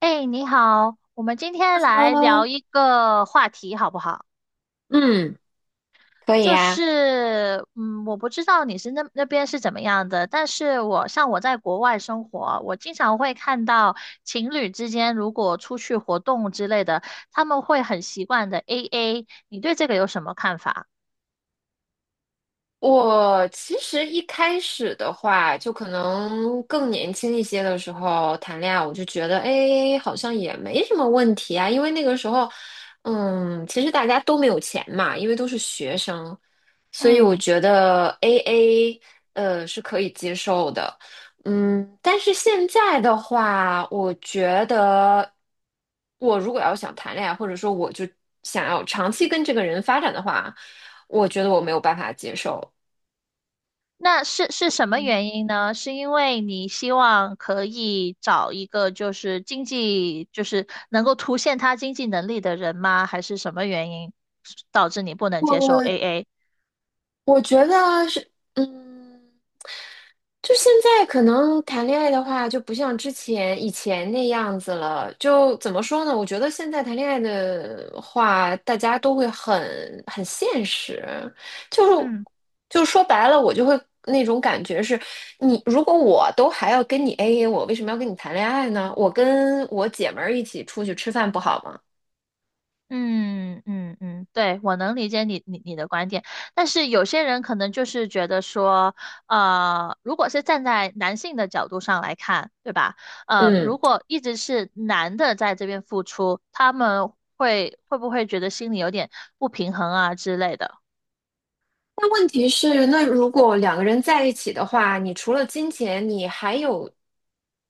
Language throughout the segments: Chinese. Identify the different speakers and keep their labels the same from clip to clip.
Speaker 1: 哎，你好，我们今天来聊
Speaker 2: Hello,
Speaker 1: 一个话题好不好？
Speaker 2: 嗯，可以呀。
Speaker 1: 我不知道你那边是怎么样的，但是我在国外生活，我经常会看到情侣之间如果出去活动之类的，他们会很习惯的 AA，你对这个有什么看法？
Speaker 2: 我其实一开始的话，就可能更年轻一些的时候谈恋爱，我就觉得，哎，好像也没什么问题啊。因为那个时候，其实大家都没有钱嘛，因为都是学生，所以我
Speaker 1: 嗯。
Speaker 2: 觉得 AA，是可以接受的。嗯，但是现在的话，我觉得我如果要想谈恋爱，或者说我就想要长期跟这个人发展的话，我觉得我没有办法接受。
Speaker 1: 那是什么原因呢？是因为你希望可以找一个就是经济，就是能够凸显他经济能力的人吗？还是什么原因导致你不能接受
Speaker 2: 我
Speaker 1: AA？
Speaker 2: 我觉得是，嗯，就现在可能谈恋爱的话，就不像以前那样子了。就怎么说呢？我觉得现在谈恋爱的话，大家都会很现实，就是
Speaker 1: 嗯。
Speaker 2: 就说白了，我就会那种感觉是，你如果我都还要跟你 AA，我为什么要跟你谈恋爱呢？我跟我姐们儿一起出去吃饭不好吗？
Speaker 1: 嗯嗯嗯，对，我能理解你的观点，但是有些人可能就是觉得说，如果是站在男性的角度上来看，对吧？
Speaker 2: 嗯。
Speaker 1: 如果一直是男的在这边付出，他们会不会觉得心里有点不平衡啊之类的？
Speaker 2: 但问题是，那如果两个人在一起的话，你除了金钱，你还有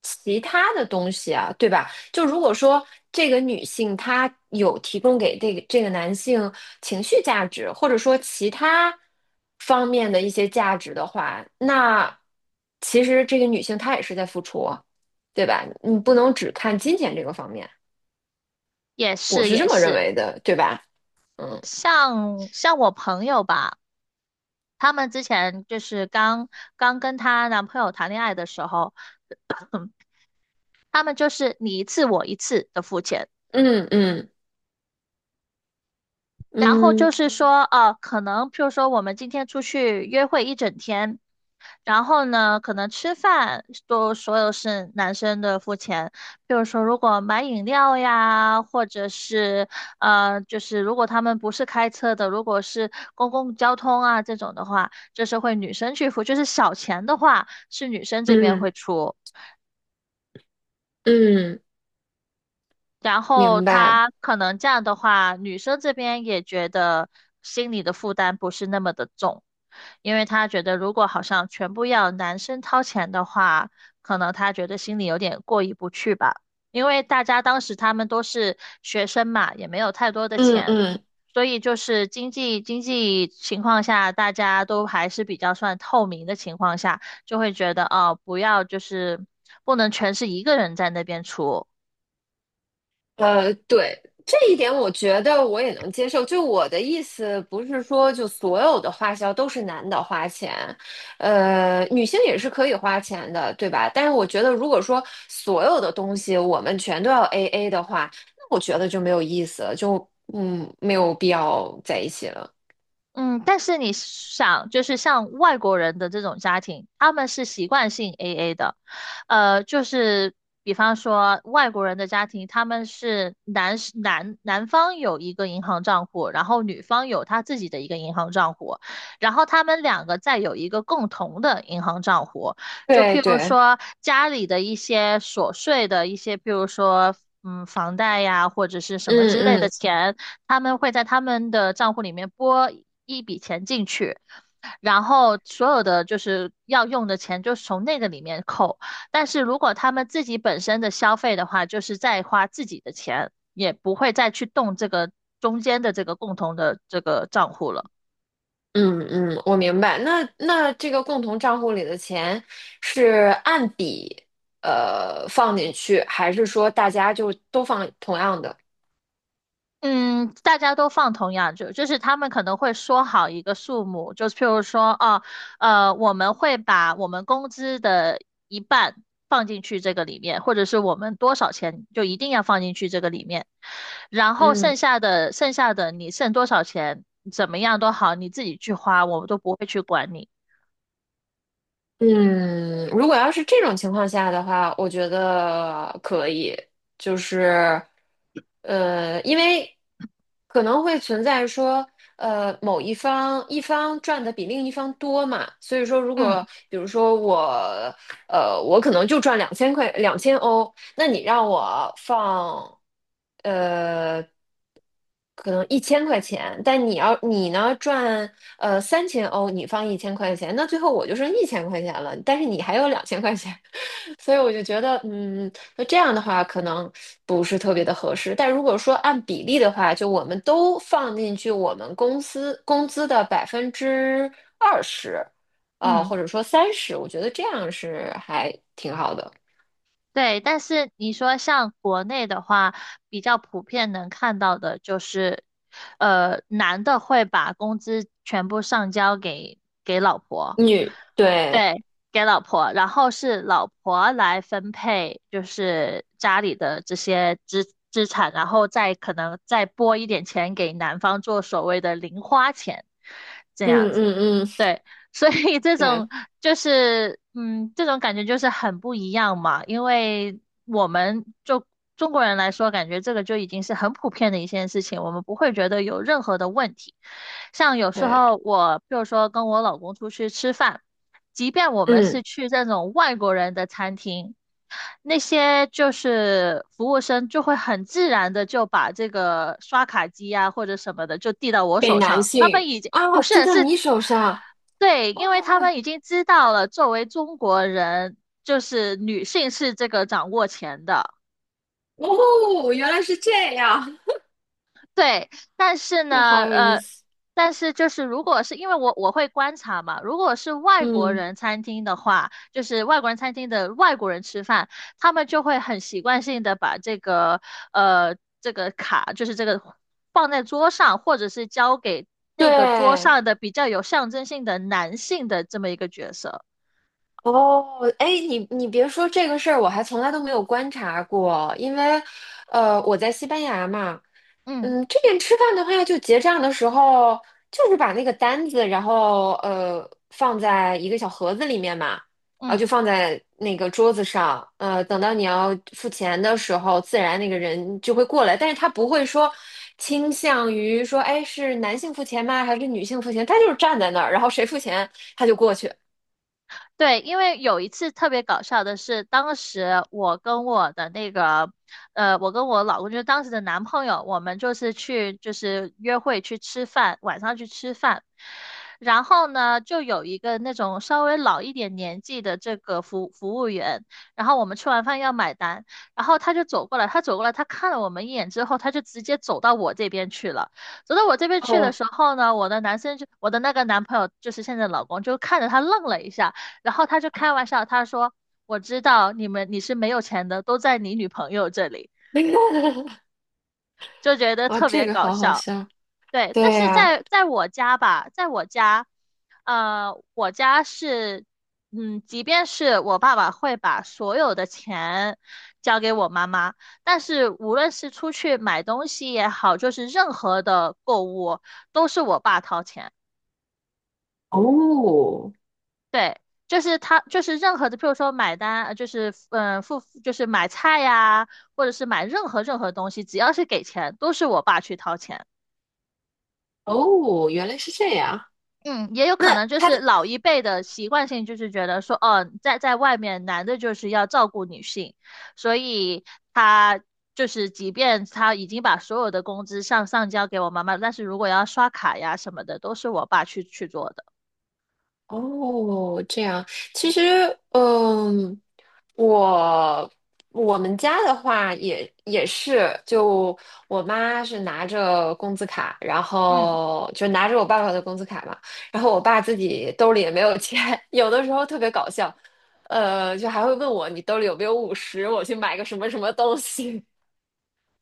Speaker 2: 其他的东西啊，对吧？就如果说这个女性她有提供给这个男性情绪价值，或者说其他方面的一些价值的话，那其实这个女性她也是在付出啊，对吧？你不能只看金钱这个方面，
Speaker 1: 也
Speaker 2: 我
Speaker 1: 是
Speaker 2: 是
Speaker 1: 也
Speaker 2: 这么认
Speaker 1: 是。
Speaker 2: 为的，对吧？嗯
Speaker 1: 像我朋友吧，他们之前就是刚跟她男朋友谈恋爱的时候，他们就是你一次我一次的付钱。
Speaker 2: 嗯嗯，
Speaker 1: 然后
Speaker 2: 嗯
Speaker 1: 就是
Speaker 2: 嗯
Speaker 1: 说，可能譬如说我们今天出去约会一整天，然后呢，可能吃饭都所有是男生的付钱。比如说，如果买饮料呀，或者是就是如果他们不是开车的，如果是公共交通啊这种的话，就是会女生去付。就是小钱的话，是女生这边
Speaker 2: 嗯。嗯
Speaker 1: 会出。
Speaker 2: 嗯，
Speaker 1: 然后
Speaker 2: 明白。
Speaker 1: 他可能这样的话，女生这边也觉得心里的负担不是那么的重，因为他觉得如果好像全部要男生掏钱的话，可能他觉得心里有点过意不去吧。因为大家当时他们都是学生嘛，也没有太多的
Speaker 2: 嗯
Speaker 1: 钱，
Speaker 2: 嗯，
Speaker 1: 所以就是经济情况下，大家都还是比较算透明的情况下，就会觉得哦，不能全是一个人在那边出。
Speaker 2: 呃，对，这一点我觉得我也能接受。就我的意思，不是说就所有的花销都是男的花钱，呃，女性也是可以花钱的，对吧？但是我觉得，如果说所有的东西我们全都要 AA 的话，那我觉得就没有意思了，就嗯，没有必要在一起了。
Speaker 1: 嗯，但是你想，就是像外国人的这种家庭，他们是习惯性 AA 的，就是比方说外国人的家庭，他们是男方有一个银行账户，然后女方有她自己的一个银行账户，然后他们两个再有一个共同的银行账户，就
Speaker 2: 对
Speaker 1: 譬如
Speaker 2: 对，
Speaker 1: 说家里的一些琐碎的一些，譬如说房贷呀或者是什么之类的
Speaker 2: 嗯
Speaker 1: 钱。他们会在他们的账户里面拨一笔钱进去，然后所有的就是要用的钱就是从那个里面扣。但是如果他们自己本身的消费的话，就是再花自己的钱，也不会再去动这个中间的这个共同的这个账户了。
Speaker 2: 嗯嗯，我明白。那这个共同账户里的钱是按笔放进去，还是说大家就都放同样的？
Speaker 1: 嗯，大家都放同样就是他们可能会说好一个数目，就是譬如说，哦，我们会把我们工资的一半放进去这个里面，或者是我们多少钱就一定要放进去这个里面，然后
Speaker 2: 嗯
Speaker 1: 剩下的你剩多少钱，怎么样都好，你自己去花，我们都不会去管你。
Speaker 2: 嗯，如果要是这种情况下的话，我觉得可以，就是因为可能会存在说。呃，某一方赚的比另一方多嘛，所以说如
Speaker 1: 嗯
Speaker 2: 果比如说我，呃，我可能就赚两千块2000欧，那你让我放，呃，可能一千块钱，但你要你呢赚3000欧，你放一千块钱，那最后我就剩一千块钱了，但是你还有2000块钱，所以我就觉得，嗯，那这样的话可能不是特别的合适。但如果说按比例的话，就我们都放进去我们公司工资的20%，啊，
Speaker 1: 嗯。
Speaker 2: 或者说30，我觉得这样是还挺好的。
Speaker 1: 对，但是你说像国内的话，比较普遍能看到的就是，男的会把工资全部上交给老婆，
Speaker 2: 女，对，
Speaker 1: 对，给老婆，然后是老婆来分配，就是家里的这些资产，然后再可能再拨一点钱给男方做所谓的零花钱，这
Speaker 2: 嗯
Speaker 1: 样子。
Speaker 2: 嗯嗯，
Speaker 1: 对，所以这种
Speaker 2: 对
Speaker 1: 这种感觉就是很不一样嘛。因为我们就中国人来说，感觉这个就已经是很普遍的一件事情，我们不会觉得有任何的问题。像有时
Speaker 2: 对，
Speaker 1: 候我，比如说跟我老公出去吃饭，即便我们是
Speaker 2: 嗯，
Speaker 1: 去这种外国人的餐厅。那些就是服务生就会很自然的就把这个刷卡机啊或者什么的就递到我
Speaker 2: 给
Speaker 1: 手
Speaker 2: 男
Speaker 1: 上，他
Speaker 2: 性
Speaker 1: 们已经不
Speaker 2: 啊，滴
Speaker 1: 是
Speaker 2: 到
Speaker 1: 是，
Speaker 2: 你手上，
Speaker 1: 对，因为他
Speaker 2: 哇。
Speaker 1: 们已经知道了，作为中国人，就是女性是这个掌握钱的。
Speaker 2: 哦，原来是这样，
Speaker 1: 对，但是
Speaker 2: 这
Speaker 1: 呢，
Speaker 2: 好有意思。
Speaker 1: 但是就是如果是因为我会观察嘛，如果是外国
Speaker 2: 嗯，
Speaker 1: 人餐厅的话，就是外国人餐厅的外国人吃饭，他们就会很习惯性的把这个卡，就是这个放在桌上，或者是交给那个桌
Speaker 2: 对，
Speaker 1: 上的比较有象征性的男性的这么一个角色。
Speaker 2: 哦，哎，你别说这个事儿，我还从来都没有观察过，因为我在西班牙嘛，
Speaker 1: 嗯
Speaker 2: 嗯，这边吃饭的话，就结账的时候，就是把那个单子，然后放在一个小盒子里面嘛，然后
Speaker 1: 嗯。
Speaker 2: 就放在那个桌子上，呃，等到你要付钱的时候，自然那个人就会过来，但是他不会说倾向于说，哎，是男性付钱吗？还是女性付钱？他就是站在那儿，然后谁付钱他就过去。
Speaker 1: 对，因为有一次特别搞笑的是，当时我跟我的那个，我跟我老公就是当时的男朋友，我们就是去就是约会去吃饭，晚上去吃饭，然后呢，就有一个那种稍微老一点年纪的这个服务员，然后我们吃完饭要买单，然后他就走过来，他看了我们一眼之后，他就直接走到我这边去了。走到我这边去的
Speaker 2: 哦，
Speaker 1: 时候呢，我的那个男朋友就是现在的老公就看着他愣了一下。然后他就开玩笑，他说：“我知道你是没有钱的，都在你女朋友这里。”
Speaker 2: 那个，
Speaker 1: 就觉得
Speaker 2: 哦，
Speaker 1: 特
Speaker 2: 这
Speaker 1: 别
Speaker 2: 个
Speaker 1: 搞
Speaker 2: 好好
Speaker 1: 笑。
Speaker 2: 笑。
Speaker 1: 对，但
Speaker 2: 对
Speaker 1: 是
Speaker 2: 呀，
Speaker 1: 在我家吧，在我家，我家是，即便是我爸爸会把所有的钱交给我妈妈，但是无论是出去买东西也好，就是任何的购物都是我爸掏钱。
Speaker 2: 哦
Speaker 1: 对，就是他，就是任何的，譬如说买单，付，就是买菜呀，或者是买任何东西，只要是给钱，都是我爸去掏钱。
Speaker 2: 哦，原来是这样。
Speaker 1: 嗯，也有可
Speaker 2: 那
Speaker 1: 能就
Speaker 2: 他
Speaker 1: 是
Speaker 2: 的。
Speaker 1: 老一辈的习惯性，就是觉得说，哦，在外面男的就是要照顾女性，所以他就是即便他已经把所有的工资上交给我妈妈，但是如果要刷卡呀什么的，都是我爸去做的。
Speaker 2: 哦，这样，其实，嗯，我我们家的话也是，就我妈是拿着工资卡，然
Speaker 1: 嗯。
Speaker 2: 后就拿着我爸爸的工资卡嘛，然后我爸自己兜里也没有钱，有的时候特别搞笑，呃，就还会问我你兜里有没有50，我去买个什么什么东西。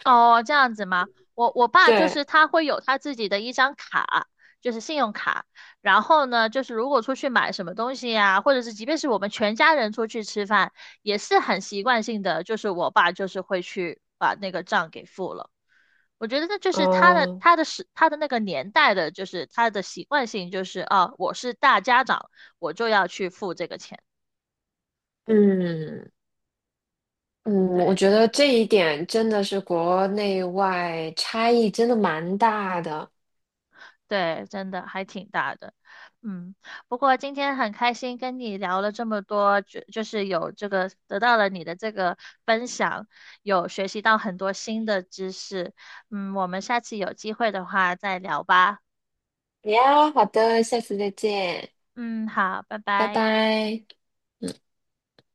Speaker 1: 哦，这样子吗？我 爸就
Speaker 2: 对，
Speaker 1: 是他会有他自己的一张卡，就是信用卡。然后呢，就是如果出去买什么东西呀、或者是即便是我们全家人出去吃饭，也是很习惯性的，就是我爸就是会去把那个账给付了。我觉得这就是
Speaker 2: 哦，
Speaker 1: 他的那个年代的，就是他的习惯性，就是啊，我是大家长，我就要去付这个钱。
Speaker 2: 嗯。嗯，我
Speaker 1: 对
Speaker 2: 觉
Speaker 1: 对
Speaker 2: 得
Speaker 1: 对。
Speaker 2: 这一点真的是国内外差异真的蛮大的。
Speaker 1: 对，真的还挺大的，嗯，不过今天很开心跟你聊了这么多，就是有这个得到了你的这个分享，有学习到很多新的知识，嗯，我们下次有机会的话再聊吧，
Speaker 2: 呀，好的，下次再见，
Speaker 1: 嗯，好，拜
Speaker 2: 拜
Speaker 1: 拜。
Speaker 2: 拜。